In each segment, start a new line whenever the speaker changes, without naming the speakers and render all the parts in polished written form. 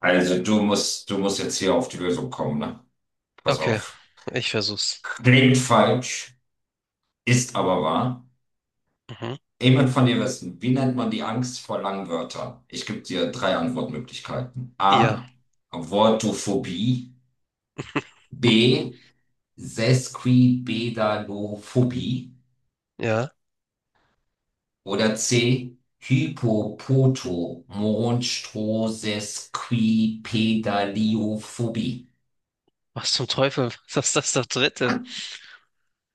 Also du musst jetzt hier auf die Lösung kommen, ne? Pass
Okay,
auf.
ich versuch's.
Klingt falsch, ist aber wahr.
Mhm.
Ich will von dir wissen, wie nennt man die Angst vor langen Wörtern? Ich gebe dir drei Antwortmöglichkeiten.
Ja,
A. Wortophobie. B. Sesquipedalophobie.
ja.
Oder C. Hypopotomonstrosequipedaliophobie.
Was zum Teufel? Was ist das, das Dritte?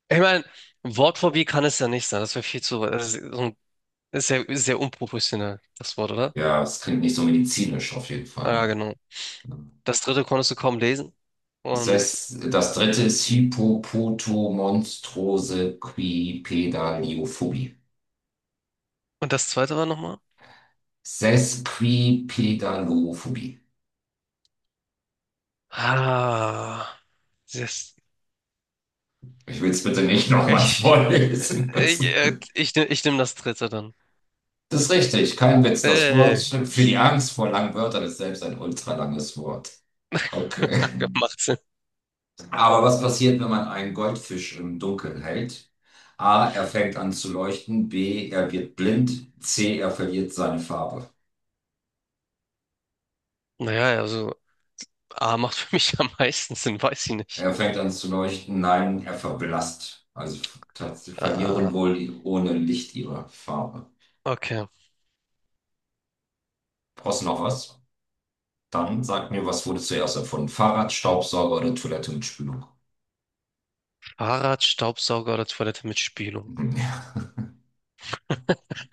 Ich meine, Wortphobie kann es ja nicht sein. Das wäre viel zu. Das ist ja sehr unprofessionell, das Wort, oder?
Ja, es klingt nicht so medizinisch auf jeden
Ja,
Fall.
genau.
Ne?
Das Dritte konntest du kaum lesen.
Das
Und,
heißt, das dritte ist Hippopotomonstrosequipedaliophobie.
und das Zweite war nochmal?
Sesquipedalophobie. Sesquipedalophobie.
Ah, das,
Ich will es bitte nicht nochmals
ich,
vorlesen
äh, ich,
müssen.
äh, ich, nehm- ich nehme das Dritte dann.
Das ist richtig, kein Witz. Das Wort
Ey,
für die Angst vor langen Wörtern ist selbst ein ultralanges Wort. Okay.
macht Sinn.
Aber was passiert, wenn man einen Goldfisch im Dunkeln hält? A, er fängt an zu leuchten. B, er wird blind. C, er verliert seine Farbe.
Naja, also A macht für mich am meisten Sinn, weiß ich nicht.
Er fängt an zu leuchten. Nein, er verblasst. Also tatsächlich verlieren
Ah,
wohl die- ohne Licht ihre Farbe.
okay.
Brauchst du noch was? Dann sag mir, was wurde zuerst erfunden? Fahrrad, Staubsauger oder Toilette mit Spülung?
Fahrrad, Staubsauger oder Toilette mit Spülung?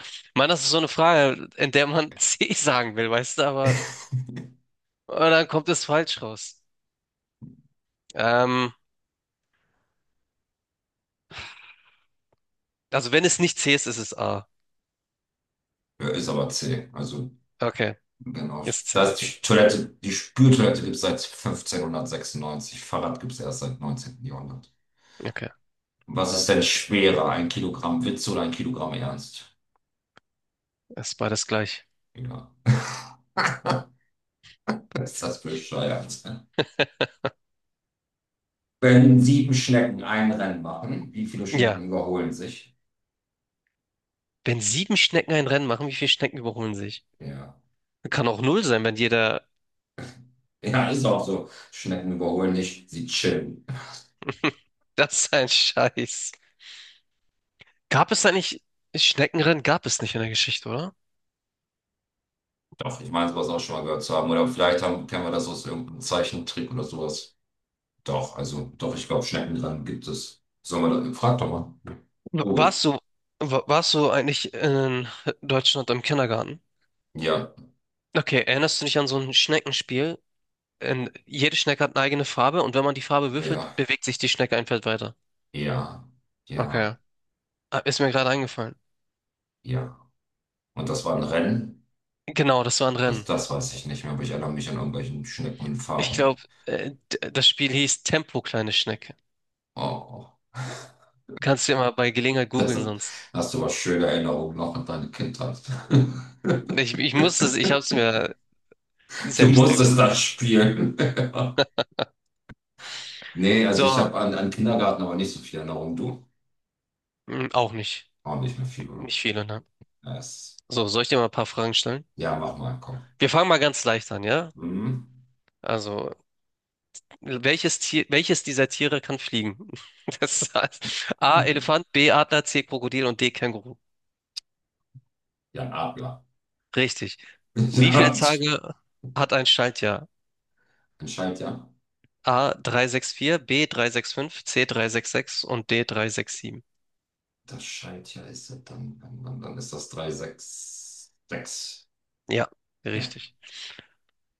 Ich meine, das ist so eine Frage, in der man C sagen will, weißt du, aber und dann kommt es falsch raus. Ähm, also wenn es nicht C ist, ist es A.
Ja, ist aber zäh. Also,
Okay,
genau.
ist C.
Da ist die Toilette, die Spültoilette gibt es seit 1596. Fahrrad gibt es erst seit 19. Jahrhundert.
Okay,
Was ist denn schwerer? Ein Kilogramm Witz oder ein Kilogramm Ernst?
ist beides gleich.
Ja, ist das bescheuert. Wenn sieben Schnecken ein Rennen machen, wie viele
Ja,
Schnecken überholen sich?
wenn sieben Schnecken ein Rennen machen, wie viele Schnecken überholen sich?
Ja.
Kann auch null sein, wenn jeder...
Ja, ist auch so. Schnecken überholen nicht, sie chillen.
Das ist ein Scheiß. Gab es eigentlich... Schneckenrennen gab es nicht in der Geschichte, oder?
Doch, ich meine, sowas auch schon mal gehört zu haben. Oder vielleicht haben, kennen wir das aus irgendeinem Zeichentrick oder sowas. Doch, also, doch, ich glaube, Schneckenrennen gibt es. Sollen wir das? Frag doch mal. Gut.
Warst du, warst du eigentlich in Deutschland im Kindergarten?
Ja,
Okay, erinnerst du dich an so ein Schneckenspiel? Jede Schnecke hat eine eigene Farbe und wenn man die Farbe würfelt,
ja,
bewegt sich die Schnecke ein Feld weiter.
ja, ja,
Okay. Ah, ist mir gerade eingefallen.
ja. Und das war ein Rennen?
Genau, das war ein
Das,
Rennen.
das weiß ich nicht mehr, aber ich erinnere mich an irgendwelchen
Ich
Schneckenfahren, ja.
glaube, das Spiel hieß Tempo, kleine Schnecke.
Oh.
Kannst du ja mal bei Gelegenheit
Das
googeln sonst.
hast du aber schöne Erinnerungen noch an deine Kindheit.
Ich musste es, ich habe es mir
Du
selbst
musstest das
ergoogelt.
spielen. Nee, also ich
So,
habe an Kindergarten aber nicht so viel Erinnerung. Du?
auch nicht.
Auch nicht mehr viel, oder?
Nicht viele, ne?
Ja,
So, soll ich dir mal ein paar Fragen stellen?
ja, mach mal, komm.
Wir fangen mal ganz leicht an, ja?
Mhm.
Also, welches dieser Tiere kann fliegen? Das heißt, A. Elefant, B. Adler, C. Krokodil und D. Känguru.
Jan Adler.
Richtig. Wie viele
Ja,
Tage hat ein Schaltjahr?
ein Schaltjahr.
A. 364, B. 365, C. 366 und D. 367.
Das Schaltjahr ist ja dann ist das 366.
Ja,
Ja.
richtig.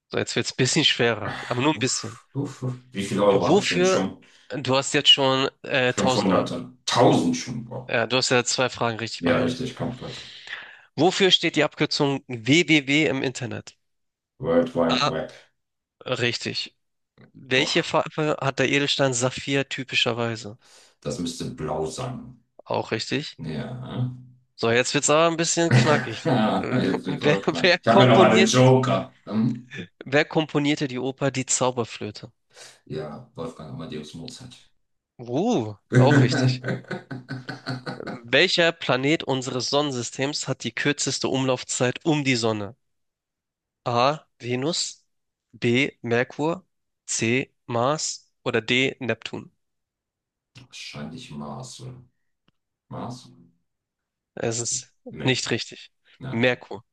So, jetzt wird's ein bisschen schwerer, aber nur ein bisschen.
Uff, uff, uff. Wie viele Euro habe ich denn
Wofür,
schon?
Du hast jetzt schon 1000 Euro.
500 und 1000 schon. Boah.
Ja, du hast ja zwei Fragen richtig
Ja,
beantwortet.
richtig, kommt weiter.
Wofür steht die Abkürzung www im Internet?
World Wide
A.
Web.
Richtig. Welche
Boah,
Farbe hat der Edelstein Saphir typischerweise?
das müsste blau sein.
Auch richtig.
Ja.
So, jetzt wird's aber ein bisschen knackig. Äh,
Jetzt wird's
Wer,
auch knack.
wer
Ich habe ja noch einen
komponiert,
Joker.
wer komponierte die Oper Die Zauberflöte?
Ja, Wolfgang Amadeus Mozart.
Auch richtig. Welcher Planet unseres Sonnensystems hat die kürzeste Umlaufzeit um die Sonne? A. Venus, B. Merkur, C. Mars oder D. Neptun?
Wahrscheinlich Marcel. Marcel?
Es ist
Nee.
nicht richtig.
Ja.
Merkur.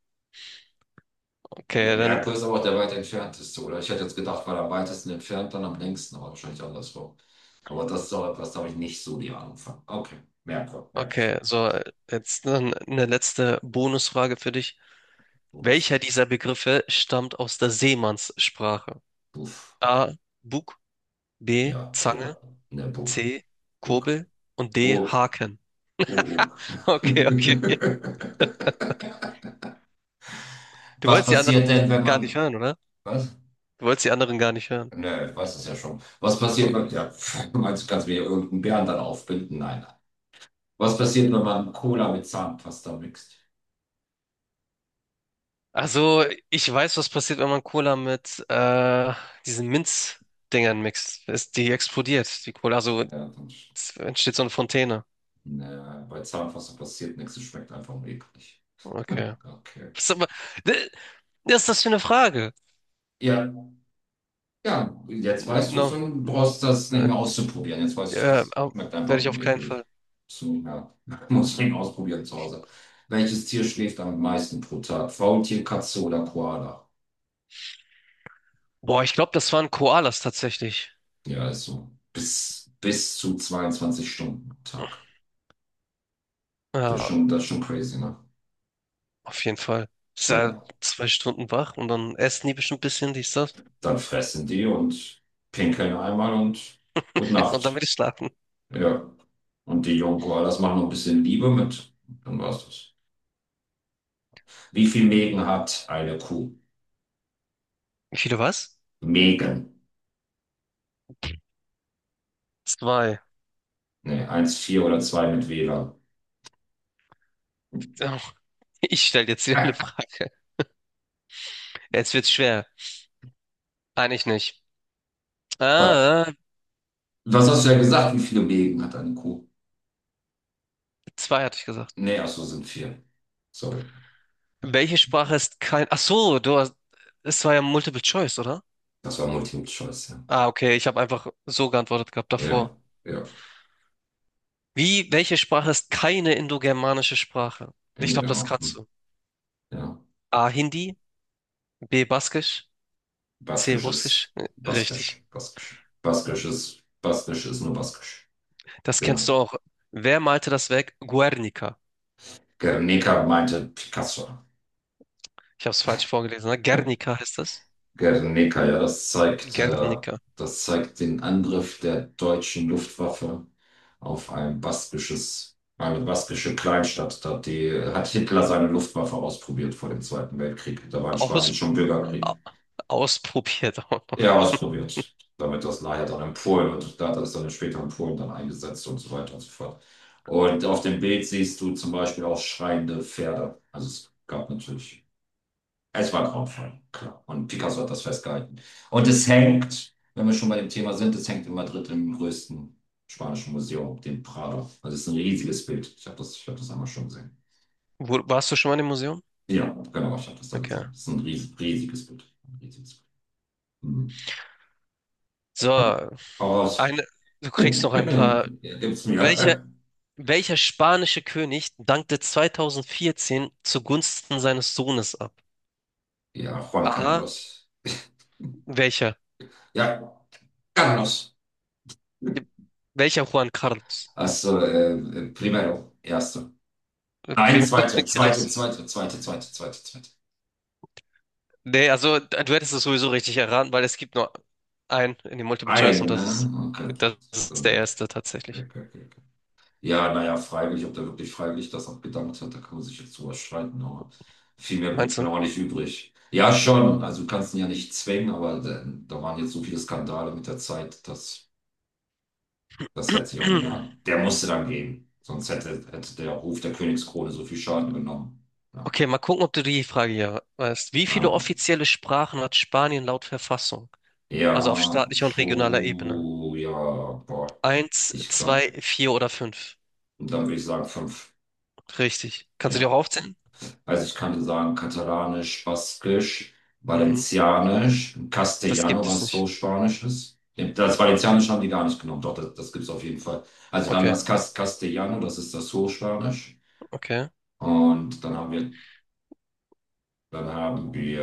Ja,
Okay, dann
Merkur ist aber auch der weit entfernteste, oder? Ich hätte jetzt gedacht, weil am weitesten entfernt, dann am längsten, aber wahrscheinlich andersrum. Aber das ist auch etwas, da habe ich nicht so die Ahnung von. Okay, Merkur, merke ich.
Okay, so jetzt dann eine letzte Bonusfrage für dich.
Und,
Welcher dieser Begriffe stammt aus der Seemannssprache?
puff.
A. Bug, B.
Ja,
Zange,
ja, in der Book.
C.
Burg,
Kurbel und D.
Burg,
Haken.
Burg.
Okay, okay. Du
Was
wolltest die
passiert
anderen
denn, wenn
gar nicht
man.
hören, oder?
Was?
Du wolltest die anderen gar nicht hören.
Ne, ich weiß es ja schon. Was
Oh.
passiert, wenn, ja, pff, meinst du, kannst du mir irgendeinen Bären dann aufbinden? Nein, nein. Was passiert, wenn man Cola mit Zahnpasta mixt?
Also, ich weiß, was passiert, wenn man Cola mit diesen Minzdingern mixt. Die explodiert, die Cola. Also
Ja, dann,
es entsteht so eine Fontäne.
ne, bei Zahnpasta passiert nichts, es schmeckt einfach nur eklig.
Okay.
Okay.
Das ist aber, ne, was ist das für eine Frage?
Ja, Ja, jetzt
No,
weißt du es
no,
und brauchst das nicht
äh,
mehr auszuprobieren. Jetzt weißt du
äh,
es,
au-
schmeckt
werde
einfach
ich
nur
auf keinen Fall.
ekelig. So, ja, musst du ihn ausprobieren zu Hause. Welches Tier schläft am meisten pro Tag? Faultier, Katze oder Koala?
Boah, ich glaube, das waren Koalas tatsächlich.
Ja, ist so. Bis zu 22 Stunden am Tag. Das ist
Ja,
schon, das ist schon crazy, ne?
auf jeden Fall. Ich war
Ja,
2 Stunden wach und dann essen die bestimmt ein bisschen, dies, das.
dann fressen die und pinkeln einmal und gute
Und dann
Nacht.
will ich schlafen.
Ja, und die jungen Koalas machen noch ein bisschen Liebe mit. Dann war's das. Wie viel Mägen hat eine Kuh?
Wie viele was?
Megen.
Zwei.
Nee, vier oder 2 mit Wähler.
Oh, ich stelle jetzt wieder eine Frage. Jetzt wird's schwer. Eigentlich nicht.
Wa-
Ah,
Was hast du ja gesagt? Wie viele Mägen hat eine Kuh?
zwei hatte ich gesagt.
Nee, ach so, sind vier. Sorry.
Welche Sprache ist kein... Ach so, du hast... Es war ja Multiple Choice, oder?
Das war Multiple Choice, ja.
Ah, okay, ich habe einfach so geantwortet gehabt davor.
Ja, ja.
Welche Sprache ist keine indogermanische Sprache? Ich glaube, das
Hinterher.
kannst
Hm.
du.
Ja.
A. Hindi, B. Baskisch, C.
Baskisch
Russisch.
ist
Richtig.
Baskisch. Baskisch. Baskisch ist nur Baskisch.
Das kennst du
Genau.
auch. Wer malte das Werk Guernica?
Gernika meinte Picasso.
Ich habe es falsch vorgelesen. Ne? Guernica heißt das.
Guernica, ja,
Guernica.
das zeigt den Angriff der deutschen Luftwaffe auf eine baskische Kleinstadt. Da hat Hitler seine Luftwaffe ausprobiert vor dem Zweiten Weltkrieg. Da war in Spanien
Aus,
schon Bürgerkrieg.
a- Ausprobiert auch
Ja,
noch.
ausprobiert. Damit das nachher dann in Polen und da hat er es dann später in Polen dann eingesetzt und so weiter und so fort. Und auf dem Bild siehst du zum Beispiel auch schreiende Pferde. Also es gab natürlich. Es war grauenvoll, klar. Und Picasso hat das festgehalten. Und es hängt, wenn wir schon bei dem Thema sind, es hängt in Madrid im größten spanischen Museum, dem Prado. Also es ist ein riesiges Bild. Ich hab das einmal schon gesehen.
Warst du schon mal im Museum?
Ja, genau, ich habe das da
Okay.
gesehen. Es ist ein riesiges Bild. Ein riesiges Bild. Mhm.
So,
Hau raus.
eine, du kriegst noch ein paar.
Ja, gib's
Welcher,
mir.
welcher spanische König dankte 2014 zugunsten seines Sohnes ab?
Ja, Juan
A.
Carlos.
Welcher?
Ja, Carlos.
Welcher Juan Carlos?
Also, primero, erste. Nein,
Primär
zweite,
nicht
zweite,
richtig.
zweite, zweite, zweite, zweite, zweite.
Nee, also du hättest es sowieso richtig erraten, weil es gibt nur einen in dem Multiple Choice
Ein,
und das
ne?
ist,
Okay.
das ist der
Ähm,
erste
okay,
tatsächlich.
okay, okay. Ja, naja, freiwillig, ob der wirklich freiwillig das auch gedankt hat, da kann man sich jetzt drüber streiten, aber viel mehr blieb
Meinst du?
mir auch nicht übrig. Ja, schon, also du kannst ihn ja nicht zwängen, aber da waren jetzt so viele Skandale mit der Zeit, dass das hätte sich auch nicht mehr, der musste dann gehen, sonst hätte der Ruf der Königskrone so viel Schaden genommen. Ja,
Okay, mal gucken, ob du die Frage hier weißt. Wie viele
ah.
offizielle Sprachen hat Spanien laut Verfassung?
Ja,
Also auf staatlicher und regionaler Ebene.
puh, ja, boah,
Eins,
ich glaube,
zwei, vier oder fünf.
und dann würde ich sagen fünf,
Richtig. Kannst du die auch
ja.
aufzählen?
Also ich kann sagen, Katalanisch, Baskisch,
Mhm.
Valencianisch,
Das
Castellano,
gibt es
was so
nicht.
Spanisch ist. Das Valencianisch haben die gar nicht genommen, doch, das gibt es auf jeden Fall. Also dann
Okay,
das Castellano, das ist das Hochspanisch.
okay.
Und dann haben wir